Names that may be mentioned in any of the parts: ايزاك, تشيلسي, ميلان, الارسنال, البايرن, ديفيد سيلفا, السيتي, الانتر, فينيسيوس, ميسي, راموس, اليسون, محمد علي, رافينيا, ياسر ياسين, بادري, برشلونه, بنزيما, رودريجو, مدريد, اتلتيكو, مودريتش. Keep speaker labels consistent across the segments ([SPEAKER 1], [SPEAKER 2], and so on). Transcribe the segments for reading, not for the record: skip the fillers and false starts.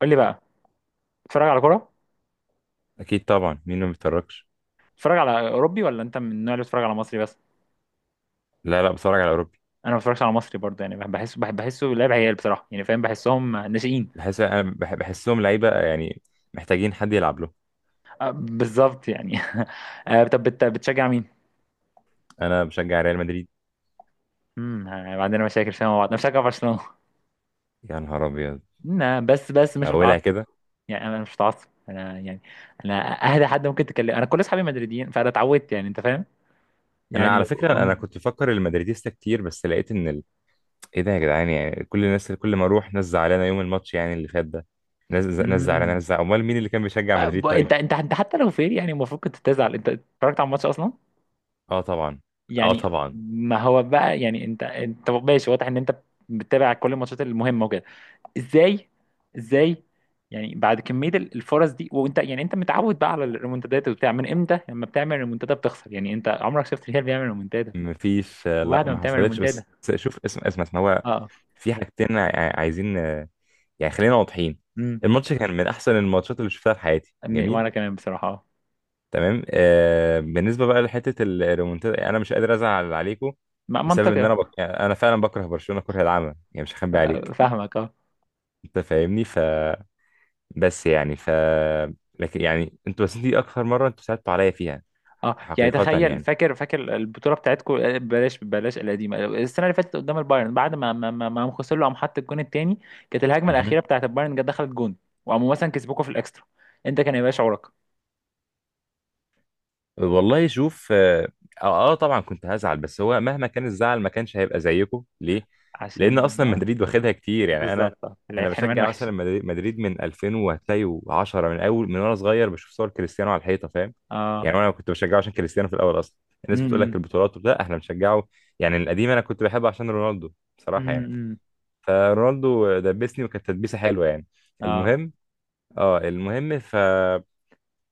[SPEAKER 1] قول لي بقى. بتتفرج على كوره؟
[SPEAKER 2] اكيد طبعا، مين ما بيتفرجش؟
[SPEAKER 1] بتتفرج على اوروبي ولا انت من النوع اللي بتتفرج على مصري بس؟
[SPEAKER 2] لا لا، بتفرج على اوروبي.
[SPEAKER 1] انا ما بتفرجش على مصري برضه، يعني بحس بحسه لعب عيال بصراحه، يعني فاهم، بحسهم ناشئين.
[SPEAKER 2] بحس انا بحسهم لعيبه يعني. محتاجين حد يلعب له.
[SPEAKER 1] آه، بالظبط يعني. آه، طب بتشجع مين؟
[SPEAKER 2] انا بشجع ريال مدريد.
[SPEAKER 1] آه، عندنا مشاكل فيها مع بعض. انا بشجع برشلونه.
[SPEAKER 2] يا نهار ابيض!
[SPEAKER 1] لا بس بس
[SPEAKER 2] من
[SPEAKER 1] مش متعصب.
[SPEAKER 2] اولها كده؟
[SPEAKER 1] يعني انا مش متعصب، انا يعني انا اهدى حد ممكن تكلم. انا كل اصحابي مدريديين، فانا اتعودت، يعني انت فاهم
[SPEAKER 2] انا
[SPEAKER 1] يعني.
[SPEAKER 2] على فكره انا
[SPEAKER 1] امم
[SPEAKER 2] كنت بفكر المدريديستا كتير، بس لقيت ان ايه ده يا جدعان، يعني كل الناس كل ما اروح ناس زعلانه يوم الماتش، يعني اللي فات ده. ناس زعلانه،
[SPEAKER 1] أمم.
[SPEAKER 2] ناس زعلانه، امال مين اللي كان بيشجع
[SPEAKER 1] آه،
[SPEAKER 2] مدريد طيب؟
[SPEAKER 1] انت حتى لو فير يعني المفروض كنت تزعل. انت اتفرجت على الماتش اصلا
[SPEAKER 2] اه طبعا. اه
[SPEAKER 1] يعني.
[SPEAKER 2] طبعا.
[SPEAKER 1] ما هو بقى يعني، انت ماشي، واضح ان انت بتتابع كل الماتشات المهمه وكده. ازاي؟ ازاي؟ يعني بعد كميه الفرص دي، وانت يعني انت متعود بقى على الريمونتادات وبتاع، من امتى لما بتعمل ريمونتادا بتخسر؟ يعني انت عمرك شفت الهلال بيعمل ريمونتادا؟
[SPEAKER 2] مفيش. لا،
[SPEAKER 1] وبعد ما
[SPEAKER 2] ما
[SPEAKER 1] بتعمل
[SPEAKER 2] حصلتش
[SPEAKER 1] ريمونتادا.
[SPEAKER 2] بس. شوف، اسم هو
[SPEAKER 1] اه.
[SPEAKER 2] في حاجتين عايزين، يعني خلينا واضحين.
[SPEAKER 1] امم
[SPEAKER 2] الماتش كان من احسن الماتشات اللي شفتها في حياتي، جميل،
[SPEAKER 1] وانا كمان بصراحه اه.
[SPEAKER 2] تمام. بالنسبه بقى لحته الريمونتادا، انا مش قادر ازعل عليكم بسبب ان
[SPEAKER 1] منطقي.
[SPEAKER 2] انا يعني انا فعلا بكره برشلونه كره العمى، يعني مش هخبي
[SPEAKER 1] آه،
[SPEAKER 2] عليك.
[SPEAKER 1] فاهمك آه.
[SPEAKER 2] انت فاهمني، بس يعني. لكن يعني انتوا، بس دي اكثر مره انتوا صعبتوا عليا فيها.
[SPEAKER 1] اه يعني
[SPEAKER 2] حقيقه
[SPEAKER 1] تخيل،
[SPEAKER 2] يعني.
[SPEAKER 1] فاكر البطوله بتاعتكم، بلاش القديمه، السنه اللي فاتت قدام البايرن، بعد ما ما ما ما قام خسر له، قام حط الجون التاني. كانت الهجمه
[SPEAKER 2] مهم.
[SPEAKER 1] الاخيره بتاعت البايرن جت دخلت جون. وقاموا مثلا كسبوكوا في الاكسترا، انت كان هيبقى شعورك؟
[SPEAKER 2] والله شوف اه آه، آه، طبعا كنت هزعل، بس هو مهما كان الزعل ما كانش هيبقى زيكم، ليه؟ لأن
[SPEAKER 1] عشان
[SPEAKER 2] أصلا
[SPEAKER 1] اه
[SPEAKER 2] مدريد واخدها كتير، يعني أنا.
[SPEAKER 1] بالظبط، اه، العيال حرمان
[SPEAKER 2] بشجع
[SPEAKER 1] وحش.
[SPEAKER 2] مثلا مدريد من 2000، وهتلاقي 10 من أول، من وأنا صغير بشوف صور كريستيانو على الحيطة، فاهم؟
[SPEAKER 1] اه.
[SPEAKER 2] يعني أنا كنت بشجعه عشان كريستيانو في الأول أصلا. الناس بتقول لك
[SPEAKER 1] امم.
[SPEAKER 2] البطولات، لا احنا بنشجعه، يعني القديم أنا كنت بحبه عشان رونالدو، بصراحة يعني.
[SPEAKER 1] امم.
[SPEAKER 2] فرونالدو دبسني، وكانت تدبيسة حلوة يعني.
[SPEAKER 1] اه.
[SPEAKER 2] المهم. اه المهم،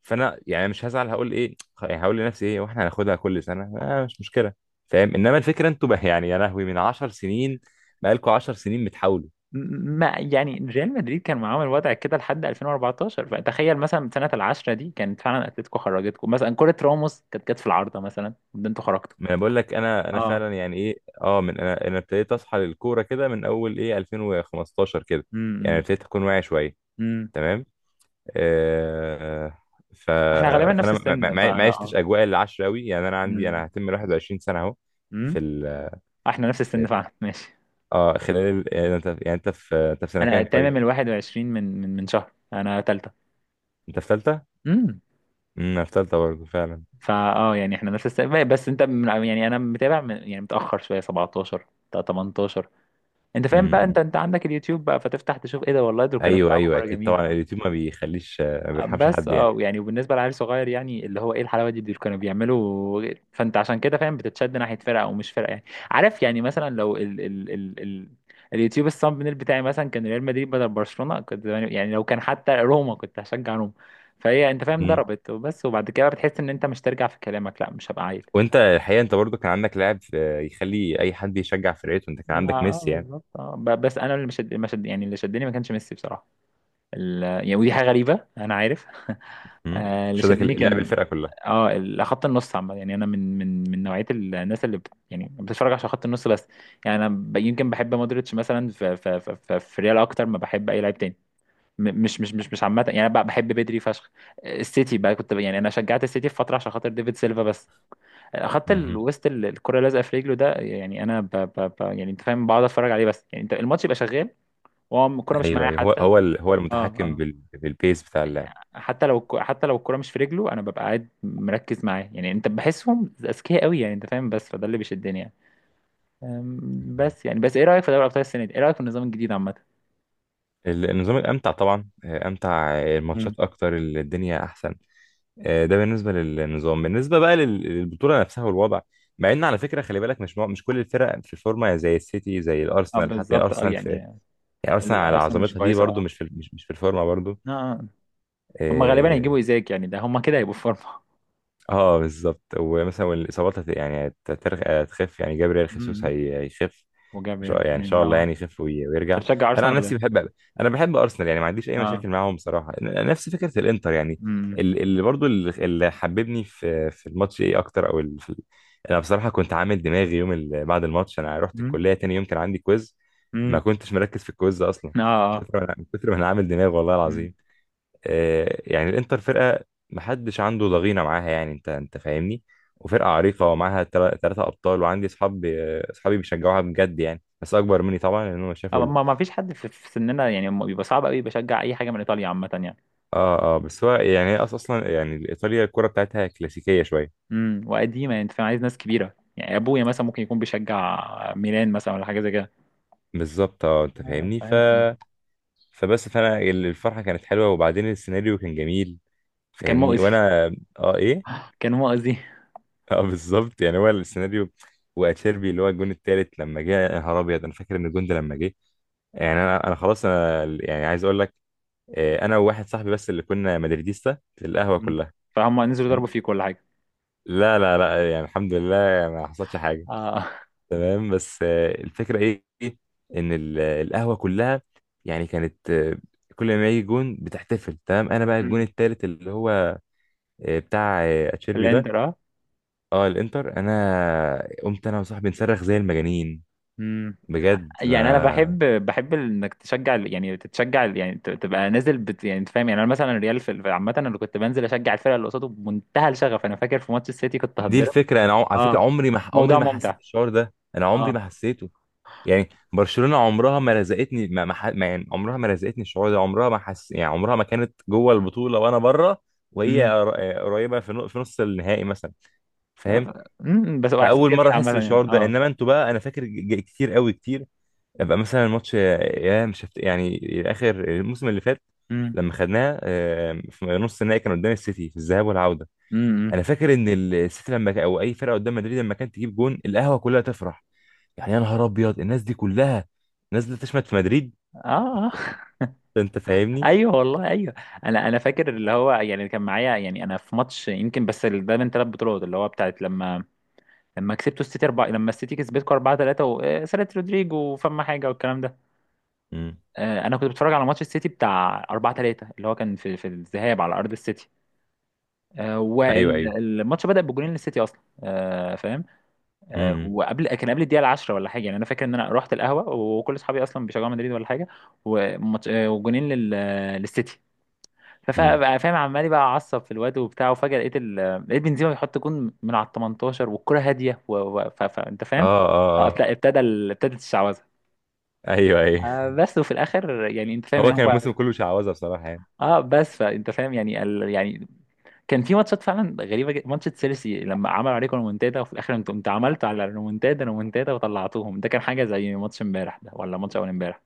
[SPEAKER 2] فانا يعني مش هزعل، هقول ايه، يعني هقول لنفسي ايه، واحنا هناخدها كل سنه، مش مشكله، فاهم. انما الفكره انتوا بقى، يعني يا لهوي، من 10 سنين، بقالكوا 10 سنين بتحاولوا.
[SPEAKER 1] م- ما يعني ريال مدريد كان معاهم الوضع كده لحد 2014، فتخيل مثلا سنه العشرة دي كانت فعلا اتلتيكو خرجتكم مثلا، كره راموس كانت جت في العارضه مثلا، ده انتوا خرجتوا.
[SPEAKER 2] ما انا بقول لك انا،
[SPEAKER 1] اه.
[SPEAKER 2] فعلا يعني ايه. اه من انا، ابتديت اصحى للكوره كده من اول ايه، 2015 كده، يعني ابتديت اكون واعي شويه،
[SPEAKER 1] امم.
[SPEAKER 2] تمام، آه، ف
[SPEAKER 1] احنا غالبا نفس
[SPEAKER 2] فانا
[SPEAKER 1] السن
[SPEAKER 2] ما
[SPEAKER 1] فانا
[SPEAKER 2] عشتش
[SPEAKER 1] اه.
[SPEAKER 2] اجواء العشره قوي، يعني انا عندي، انا
[SPEAKER 1] امم.
[SPEAKER 2] هتم 21 سنه اهو.
[SPEAKER 1] امم.
[SPEAKER 2] في ال
[SPEAKER 1] احنا نفس
[SPEAKER 2] في
[SPEAKER 1] السن فعلا ماشي.
[SPEAKER 2] اه خلال انت في سنه
[SPEAKER 1] انا
[SPEAKER 2] كام طيب؟
[SPEAKER 1] تمام ال 21 من من من شهر، انا تالتة.
[SPEAKER 2] انت في ثالثه؟
[SPEAKER 1] امم.
[SPEAKER 2] في تالتة برضه فعلا.
[SPEAKER 1] فا اه يعني احنا نفس السن، بس انت يعني انا متابع من يعني متأخر شوية، 17 تا 18. انت فاهم
[SPEAKER 2] امم،
[SPEAKER 1] بقى، انت عندك اليوتيوب بقى فتفتح تشوف، ايه ده، والله دول كانوا
[SPEAKER 2] ايوه،
[SPEAKER 1] بيلعبوا
[SPEAKER 2] ايوه،
[SPEAKER 1] كورة
[SPEAKER 2] اكيد طبعا،
[SPEAKER 1] جميلة.
[SPEAKER 2] اليوتيوب ما بيخليش، ما بيرحمش
[SPEAKER 1] بس
[SPEAKER 2] حد يعني.
[SPEAKER 1] اه يعني وبالنسبه لعيل صغير يعني، اللي هو ايه الحلاوه دي اللي كانوا بيعملوا. فانت عشان كده فاهم بتتشد ناحيه فرقه او مش فرقه يعني. عارف، يعني مثلا لو ال اليوتيوب الثامبنيل بتاعي مثلا كان ريال مدريد بدل برشلونه، كنت يعني لو كان حتى روما كنت هشجع روما. فهي انت فاهم
[SPEAKER 2] امم.
[SPEAKER 1] ضربت وبس، وبعد كده بتحس ان انت مش ترجع في كلامك، لا مش هبقى عيل.
[SPEAKER 2] وانت الحقيقه، انت برضه كان عندك لاعب يخلي اي حد يشجع فرقته، انت كان
[SPEAKER 1] لا ما
[SPEAKER 2] عندك
[SPEAKER 1] اه
[SPEAKER 2] ميسي يعني.
[SPEAKER 1] بالظبط، اه، بس انا اللي مش يعني اللي شدني ما كانش ميسي بصراحه. يعني ودي حاجة غريبة أنا عارف.
[SPEAKER 2] امم.
[SPEAKER 1] آه، اللي
[SPEAKER 2] شدك
[SPEAKER 1] شدني، شدك كان
[SPEAKER 2] اللعب،
[SPEAKER 1] يعني،
[SPEAKER 2] الفرقه كلها.
[SPEAKER 1] اه خط النص عامة. يعني أنا من من من نوعية الناس اللي يعني بتتفرج عشان خط النص بس. يعني أنا يمكن بحب مودريتش مثلا في ريال أكتر ما بحب أي لاعب تاني. مش عامة يعني، أنا بقى بحب بدري فشخ. السيتي بقى كنت يعني أنا شجعت السيتي في فترة عشان خاطر ديفيد سيلفا بس. خط
[SPEAKER 2] امم.
[SPEAKER 1] الوسط الكرة لازقة في رجله، ده يعني أنا يعني أنت فاهم، بقعد أتفرج عليه بس، يعني أنت الماتش يبقى شغال وهو الكرة مش
[SPEAKER 2] ايوه،
[SPEAKER 1] معايا
[SPEAKER 2] ايوه، هو
[SPEAKER 1] حتى.
[SPEAKER 2] هو هو
[SPEAKER 1] اه.
[SPEAKER 2] المتحكم
[SPEAKER 1] آه.
[SPEAKER 2] بالبيس بتاع اللعب.
[SPEAKER 1] حتى لو حتى لو الكرة مش في رجله انا ببقى قاعد مركز معاه، يعني انت بحسهم اذكياء قوي، يعني انت فاهم، بس فده اللي بيشدني يعني.
[SPEAKER 2] امم.
[SPEAKER 1] بس يعني، بس ايه رأيك في دوري ابطال السنة دي؟ ايه رأيك في النظام الجديد عامة؟
[SPEAKER 2] النظام الامتع طبعا، آه، امتع، آه،
[SPEAKER 1] مم.
[SPEAKER 2] الماتشات اكتر، الدنيا احسن. ده بالنسبه للنظام، بالنسبه بقى للبطوله نفسها والوضع. مع ان على فكره خلي بالك، مش كل الفرق في الفورمه، زي السيتي، زي
[SPEAKER 1] اه
[SPEAKER 2] الارسنال، حتى
[SPEAKER 1] بالظبط اه
[SPEAKER 2] ارسنال في.
[SPEAKER 1] يعني.
[SPEAKER 2] يعني ارسنال على
[SPEAKER 1] الارسنال مش
[SPEAKER 2] عظمتها دي
[SPEAKER 1] كويسة
[SPEAKER 2] برضو
[SPEAKER 1] اه.
[SPEAKER 2] مش في مش في الفورمه برضو.
[SPEAKER 1] آه. آه. هم غالبا
[SPEAKER 2] اه,
[SPEAKER 1] هيجيبوا ايزاك، يعني ده هم كده هيبقوا في فورمة.
[SPEAKER 2] بالظبط، ومثلا، والاصابات هتخف، يعني جابريل خيسوس
[SPEAKER 1] أمم.
[SPEAKER 2] هيخف.
[SPEAKER 1] وجابريل
[SPEAKER 2] ان شاء
[SPEAKER 1] يعني اه.
[SPEAKER 2] الله، يعني يخف ويرجع.
[SPEAKER 1] انت بتشجع
[SPEAKER 2] انا عن
[SPEAKER 1] ارسنال ولا
[SPEAKER 2] نفسي
[SPEAKER 1] ايه؟
[SPEAKER 2] بحب. انا بحب ارسنال، يعني ما عنديش اي
[SPEAKER 1] اه.
[SPEAKER 2] مشاكل معاهم بصراحه، نفس فكره الانتر يعني.
[SPEAKER 1] امم.
[SPEAKER 2] اللي حببني في الماتش، ايه اكتر، او انا بصراحه كنت عامل دماغي يوم بعد الماتش، انا رحت
[SPEAKER 1] امم.
[SPEAKER 2] الكليه تاني يوم، كان عندي كويز. ما
[SPEAKER 1] أمم.
[SPEAKER 2] كنتش مركز في الكويز اصلا.
[SPEAKER 1] اه. اه.
[SPEAKER 2] من كتر ما انا عامل دماغ، والله
[SPEAKER 1] أمم.
[SPEAKER 2] العظيم. يعني الانتر فرقه محدش عنده ضغينه معاها، يعني انت فاهمني. وفرقه عريقه ومعاها ثلاثه ابطال وعندي اصحاب. اصحابي بيشجعوها بجد يعني، بس اكبر مني طبعا، لان هم شافوا
[SPEAKER 1] آه، ما ما فيش حد في في سننا يعني بيبقى صعب قوي بشجع اي حاجة من ايطاليا عامة يعني.
[SPEAKER 2] اه بس هو يعني هي اصلا، يعني ايطاليا الكره بتاعتها كلاسيكيه شويه.
[SPEAKER 1] امم. وقديمه، يعني انت فاهم، عايز ناس كبيره يعني، ابويا مثلا ممكن يكون بيشجع ميلان مثلا ولا حاجه زي كده.
[SPEAKER 2] بالظبط، انت
[SPEAKER 1] آه،
[SPEAKER 2] فاهمني،
[SPEAKER 1] فاهم.
[SPEAKER 2] فبس، فانا الفرحه كانت حلوه، وبعدين السيناريو كان جميل،
[SPEAKER 1] كان
[SPEAKER 2] فاهمني،
[SPEAKER 1] مؤذي.
[SPEAKER 2] وانا. اه ايه؟
[SPEAKER 1] كان مؤذي.
[SPEAKER 2] اه بالظبط، يعني هو السيناريو. واتشيربي اللي هو الجون التالت، لما جه، يا نهار ابيض، انا فاكر ان الجون ده لما جه. يعني انا، خلاص، انا يعني عايز اقول لك. انا وواحد صاحبي بس اللي كنا مدريديستا في القهوه
[SPEAKER 1] مم.
[SPEAKER 2] كلها.
[SPEAKER 1] فهم نزلوا
[SPEAKER 2] تمام؟
[SPEAKER 1] ضربوا فيه كل حاجه.
[SPEAKER 2] لا، لا، لا، يعني الحمد لله، ما حصلش حاجه.
[SPEAKER 1] اه.
[SPEAKER 2] تمام، بس الفكره إيه؟ ان القهوه كلها يعني كانت، كل ما يجي جون بتحتفل، تمام. انا بقى الجون
[SPEAKER 1] مم.
[SPEAKER 2] التالت اللي هو، بتاع، اتشيربي ده.
[SPEAKER 1] الانتر اه.
[SPEAKER 2] اه الانتر، انا قمت انا وصاحبي نصرخ زي المجانين،
[SPEAKER 1] مم.
[SPEAKER 2] بجد،
[SPEAKER 1] يعني انا
[SPEAKER 2] ما.
[SPEAKER 1] بحب، بحب انك تشجع يعني تتشجع يعني تبقى نازل بت، يعني انت فاهم يعني. انا مثلا الريال عامه انا كنت بنزل اشجع الفرقه اللي قصاده بمنتهى الشغف. انا فاكر في ماتش السيتي كنت
[SPEAKER 2] دي
[SPEAKER 1] هتضرب.
[SPEAKER 2] الفكره، انا على فكره
[SPEAKER 1] اه.
[SPEAKER 2] عمري
[SPEAKER 1] موضوع
[SPEAKER 2] ما حسيت
[SPEAKER 1] ممتع.
[SPEAKER 2] الشعور ده، انا عمري
[SPEAKER 1] اه.
[SPEAKER 2] ما حسيته. يعني برشلونة عمرها ما رزقتني ما ما ح- ما- يعني عمرها ما رزقتني الشعور ده، عمرها ما حس، يعني عمرها ما كانت جوه البطولة وانا بره. وهي
[SPEAKER 1] امم.
[SPEAKER 2] قريبة في في نص النهائي مثلا، فاهم.
[SPEAKER 1] امم. بس هو احساس
[SPEAKER 2] فاول
[SPEAKER 1] جميل
[SPEAKER 2] مرة احس
[SPEAKER 1] عامه يعني.
[SPEAKER 2] بالشعور ده، انما انتوا بقى، انا فاكر كتير قوي، كتير. ابقى مثلا الماتش، يا مش هفت... يعني اخر الموسم اللي فات،
[SPEAKER 1] اه.
[SPEAKER 2] لما خدناها، في نص النهائي، كان قدام السيتي في الذهاب والعوده.
[SPEAKER 1] امم.
[SPEAKER 2] انا فاكر ان السيتي لما او اي فرقه قدام مدريد لما كانت تجيب جون، القهوه كلها تفرح. يعني يا نهار ابيض، الناس دي كلها نازله تشمت في مدريد،
[SPEAKER 1] اه. آه.
[SPEAKER 2] ده انت فاهمني.
[SPEAKER 1] ايوه والله ايوه. انا انا فاكر، اللي هو يعني كان معايا، يعني انا في ماتش يمكن، بس ده من ثلاث بطولات، اللي هو بتاعت لما لما كسبتوا السيتي اربعه، لما السيتي كسبتكم اربعه ثلاثه وسالة رودريجو وفما حاجه والكلام ده.
[SPEAKER 2] امم.
[SPEAKER 1] آه، انا كنت بتفرج على ماتش السيتي بتاع اربعه ثلاثه، اللي هو كان في في الذهاب على ارض السيتي. آه،
[SPEAKER 2] ايوه، ايوه.
[SPEAKER 1] والماتش بدأ بجولين للسيتي اصلا، آه، فاهم. آه،
[SPEAKER 2] امم.
[SPEAKER 1] وقبل، كان قبل الدقيقه 10 ولا حاجه، يعني انا فاكر ان انا رحت القهوه وكل اصحابي اصلا بيشجعوا مدريد ولا حاجه. آه، وجولين للسيتي.
[SPEAKER 2] امم.
[SPEAKER 1] فاهم، عمال بقى اعصب في الواد وبتاع، وفجاه لقيت لقيت بنزيما بيحط جون من على ال 18 والكره هاديه انت
[SPEAKER 2] اه،
[SPEAKER 1] فاهم. اه
[SPEAKER 2] اه، اه.
[SPEAKER 1] اه ابتدت الشعوذه.
[SPEAKER 2] ايوه، ايوه.
[SPEAKER 1] آه بس، وفي الاخر يعني انت فاهم إن
[SPEAKER 2] هو كان
[SPEAKER 1] هو،
[SPEAKER 2] الموسم كله شعوذه بصراحه يعني.
[SPEAKER 1] اه بس فانت فاهم يعني ال... يعني. كان في ماتشات فعلا غريبه جدا، ماتش تشيلسي لما عملوا عليكم ريمونتادا وفي الاخر انت عملتوا على ريمونتادا ريمونتادا وطلعتوهم. ده كان حاجه زي ماتش امبارح ده ولا ماتش اول امبارح.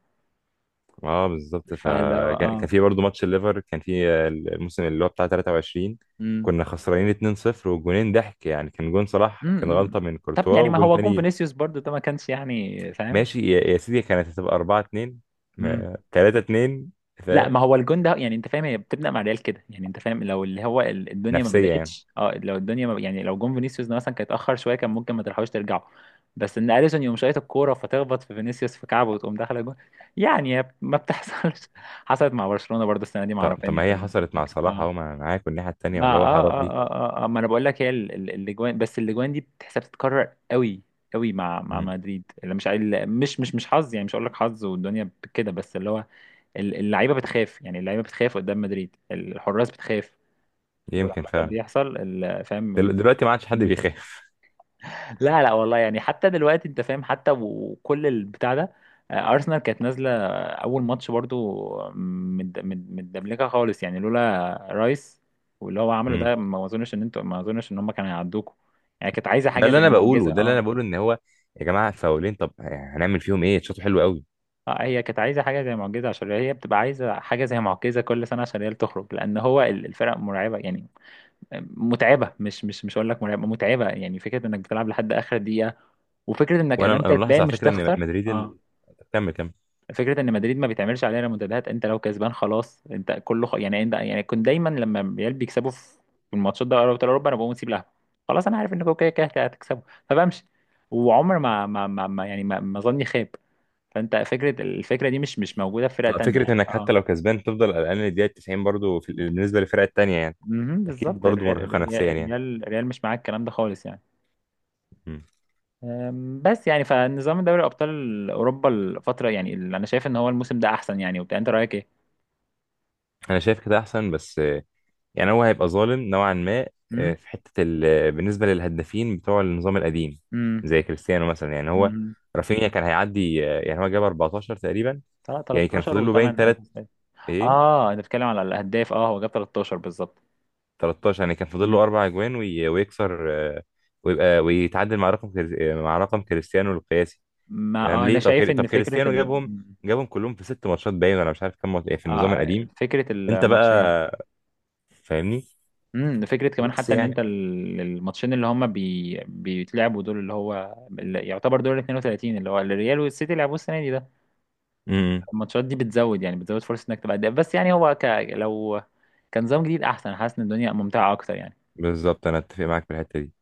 [SPEAKER 2] اه بالظبط،
[SPEAKER 1] فاللي هو
[SPEAKER 2] فكان
[SPEAKER 1] اه.
[SPEAKER 2] كان في برضه ماتش الليفر، كان في، الموسم اللي هو بتاع 23.
[SPEAKER 1] امم.
[SPEAKER 2] كنا خسرانين 2-0، وجونين ضحك يعني، كان جون صلاح
[SPEAKER 1] امم.
[SPEAKER 2] كان
[SPEAKER 1] امم.
[SPEAKER 2] غلطه من
[SPEAKER 1] طب
[SPEAKER 2] كورتوا،
[SPEAKER 1] يعني ما
[SPEAKER 2] وجون
[SPEAKER 1] هو جون
[SPEAKER 2] تاني.
[SPEAKER 1] فينيسيوس برضو ده ما كانش يعني فاهم.
[SPEAKER 2] ماشي يا، سيدي، كانت هتبقى 4-2، 3-2،
[SPEAKER 1] لا ما
[SPEAKER 2] فاهم،
[SPEAKER 1] هو الجون ده، يعني انت فاهم، هي بتبدا مع ريال كده، يعني انت فاهم لو اللي هو الدنيا ما
[SPEAKER 2] نفسيه يعني.
[SPEAKER 1] بداتش، اه لو الدنيا ما يعني لو جون فينيسيوس ده مثلا كان اتاخر شويه كان ممكن ما تلحقوش ترجعوا. بس ان اليسون يقوم شايط الكوره فتخبط في فينيسيوس في كعبه وتقوم داخله جون، يعني ما بتحصلش. حصلت مع برشلونه برضه السنه دي مع
[SPEAKER 2] طب، طب،
[SPEAKER 1] رافينيا
[SPEAKER 2] ما
[SPEAKER 1] في
[SPEAKER 2] هي حصلت مع صلاح
[SPEAKER 1] الفكره.
[SPEAKER 2] اهو، ما أنا معاك والناحيه التانيه،
[SPEAKER 1] ما
[SPEAKER 2] ولا هو
[SPEAKER 1] اه
[SPEAKER 2] حرام
[SPEAKER 1] اه
[SPEAKER 2] ليك؟
[SPEAKER 1] اه اه, آه ما انا بقول لك، هي الاجوان، بس الاجوان دي بتحسب تتكرر قوي قوي مع مع
[SPEAKER 2] امم
[SPEAKER 1] مدريد، اللي مش عايل مش حظ يعني، مش هقول لك حظ والدنيا كده، بس اللي هو اللعيبه بتخاف، يعني اللعيبه بتخاف قدام مدريد، الحراس بتخاف.
[SPEAKER 2] يمكن
[SPEAKER 1] ولما ده
[SPEAKER 2] فعلا.
[SPEAKER 1] بيحصل فاهم.
[SPEAKER 2] دلوقتي ما عادش حد بيخاف.
[SPEAKER 1] لا لا والله يعني، حتى دلوقتي انت فاهم حتى وكل البتاع ده. آه، ارسنال كانت نازله اول ماتش برضو متدملكه خالص، يعني لولا رايس واللي هو عمله
[SPEAKER 2] امم.
[SPEAKER 1] ده، ما اظنش ان ما اظنش ان هم كانوا هيعدوكوا. يعني كانت عايزه
[SPEAKER 2] ده
[SPEAKER 1] حاجه
[SPEAKER 2] اللي
[SPEAKER 1] زي
[SPEAKER 2] انا
[SPEAKER 1] معجزه
[SPEAKER 2] بقوله، ده اللي انا
[SPEAKER 1] اه.
[SPEAKER 2] بقوله، ان هو يا جماعه فاولين، طب يعني هنعمل فيهم ايه، شاطر، حلو قوي.
[SPEAKER 1] اه هي كانت عايزه حاجه زي معجزه، عشان هي بتبقى عايزه حاجه زي معجزه كل سنه، عشان هي اللي تخرج، لان هو الفرق مرعبه يعني. آه، متعبه، مش هقول لك مرعبه، متعبه، يعني فكره انك بتلعب لحد اخر دقيقه، وفكره انك
[SPEAKER 2] وانا
[SPEAKER 1] ادام
[SPEAKER 2] ملاحظ
[SPEAKER 1] كسبان
[SPEAKER 2] على
[SPEAKER 1] مش
[SPEAKER 2] فكره ان
[SPEAKER 1] تخسر.
[SPEAKER 2] مدريد
[SPEAKER 1] اه.
[SPEAKER 2] كمل، كمل.
[SPEAKER 1] فكره ان مدريد ما بتعملش علينا منتديات، انت لو كسبان خلاص انت كله يعني انت، يعني كنت دايما لما ريال بيكسبوا في في الماتشات ده ابطال اوروبا، انا بقوم اسيب لها، خلاص انا عارف انكم كده كده هتكسبوا، فبمشي. وعمر يعني ما ظني خاب. فانت فكره، الفكره دي مش مش موجوده في فرقه تانية
[SPEAKER 2] فكره
[SPEAKER 1] يعني.
[SPEAKER 2] انك حتى
[SPEAKER 1] اه.
[SPEAKER 2] لو كسبان تفضل قلقان للدقيقه 90 برضو، بالنسبه للفرقه التانيه يعني.
[SPEAKER 1] مهم،
[SPEAKER 2] اكيد
[SPEAKER 1] بالظبط،
[SPEAKER 2] برضو مرهقه نفسيا يعني.
[SPEAKER 1] الريال مش معاك الكلام ده خالص يعني.
[SPEAKER 2] امم.
[SPEAKER 1] بس يعني، فنظام دوري ابطال اوروبا الفتره، يعني اللي انا شايف ان هو الموسم ده احسن يعني وبتاع، انت رايك ايه؟
[SPEAKER 2] انا شايف كده احسن، بس يعني هو هيبقى ظالم نوعا ما.
[SPEAKER 1] امم.
[SPEAKER 2] في حتة ال... آه، بالنسبة للهدافين بتوع النظام القديم، زي كريستيانو مثلا يعني هو.
[SPEAKER 1] امم.
[SPEAKER 2] رافينيا كان هيعدي، يعني هو جاب 14 تقريبا،
[SPEAKER 1] طلع
[SPEAKER 2] يعني كان فاضل
[SPEAKER 1] 13
[SPEAKER 2] له
[SPEAKER 1] و8
[SPEAKER 2] باين تلات،
[SPEAKER 1] اساسات.
[SPEAKER 2] ايه،
[SPEAKER 1] اه انا بتكلم على الاهداف، اه هو جاب 13 بالظبط.
[SPEAKER 2] 13، يعني كان فاضل
[SPEAKER 1] مم.
[SPEAKER 2] له اربع اجوان، ويكسر، ويبقى ويتعادل مع رقم كريس... آه، مع رقم كريستيانو القياسي.
[SPEAKER 1] ما
[SPEAKER 2] تمام،
[SPEAKER 1] آه انا
[SPEAKER 2] ليه؟ طب
[SPEAKER 1] شايف
[SPEAKER 2] طب
[SPEAKER 1] ان فكره
[SPEAKER 2] كريستيانو جابهم،
[SPEAKER 1] مم.
[SPEAKER 2] جابهم كلهم في ست ماتشات باين، ولا مش عارف كام ماتش، إيه في النظام
[SPEAKER 1] آه
[SPEAKER 2] القديم.
[SPEAKER 1] فكره
[SPEAKER 2] انت
[SPEAKER 1] الماتشين.
[SPEAKER 2] بقى فاهمني،
[SPEAKER 1] امم. فكره كمان
[SPEAKER 2] بس
[SPEAKER 1] حتى ان انت
[SPEAKER 2] يعني.
[SPEAKER 1] الماتشين اللي هم بيتلعبوا دول، اللي هو اللي يعتبر دور ال 32، اللي هو الريال والسيتي لعبوه السنه دي ده.
[SPEAKER 2] امم.
[SPEAKER 1] الماتشات دي بتزود، يعني بتزود فرصه انك تبقى هداف، بس يعني هو لو كان نظام جديد احسن، حاسس ان الدنيا ممتعه اكتر يعني.
[SPEAKER 2] بالظبط، انا اتفق معاك في الحتة دي.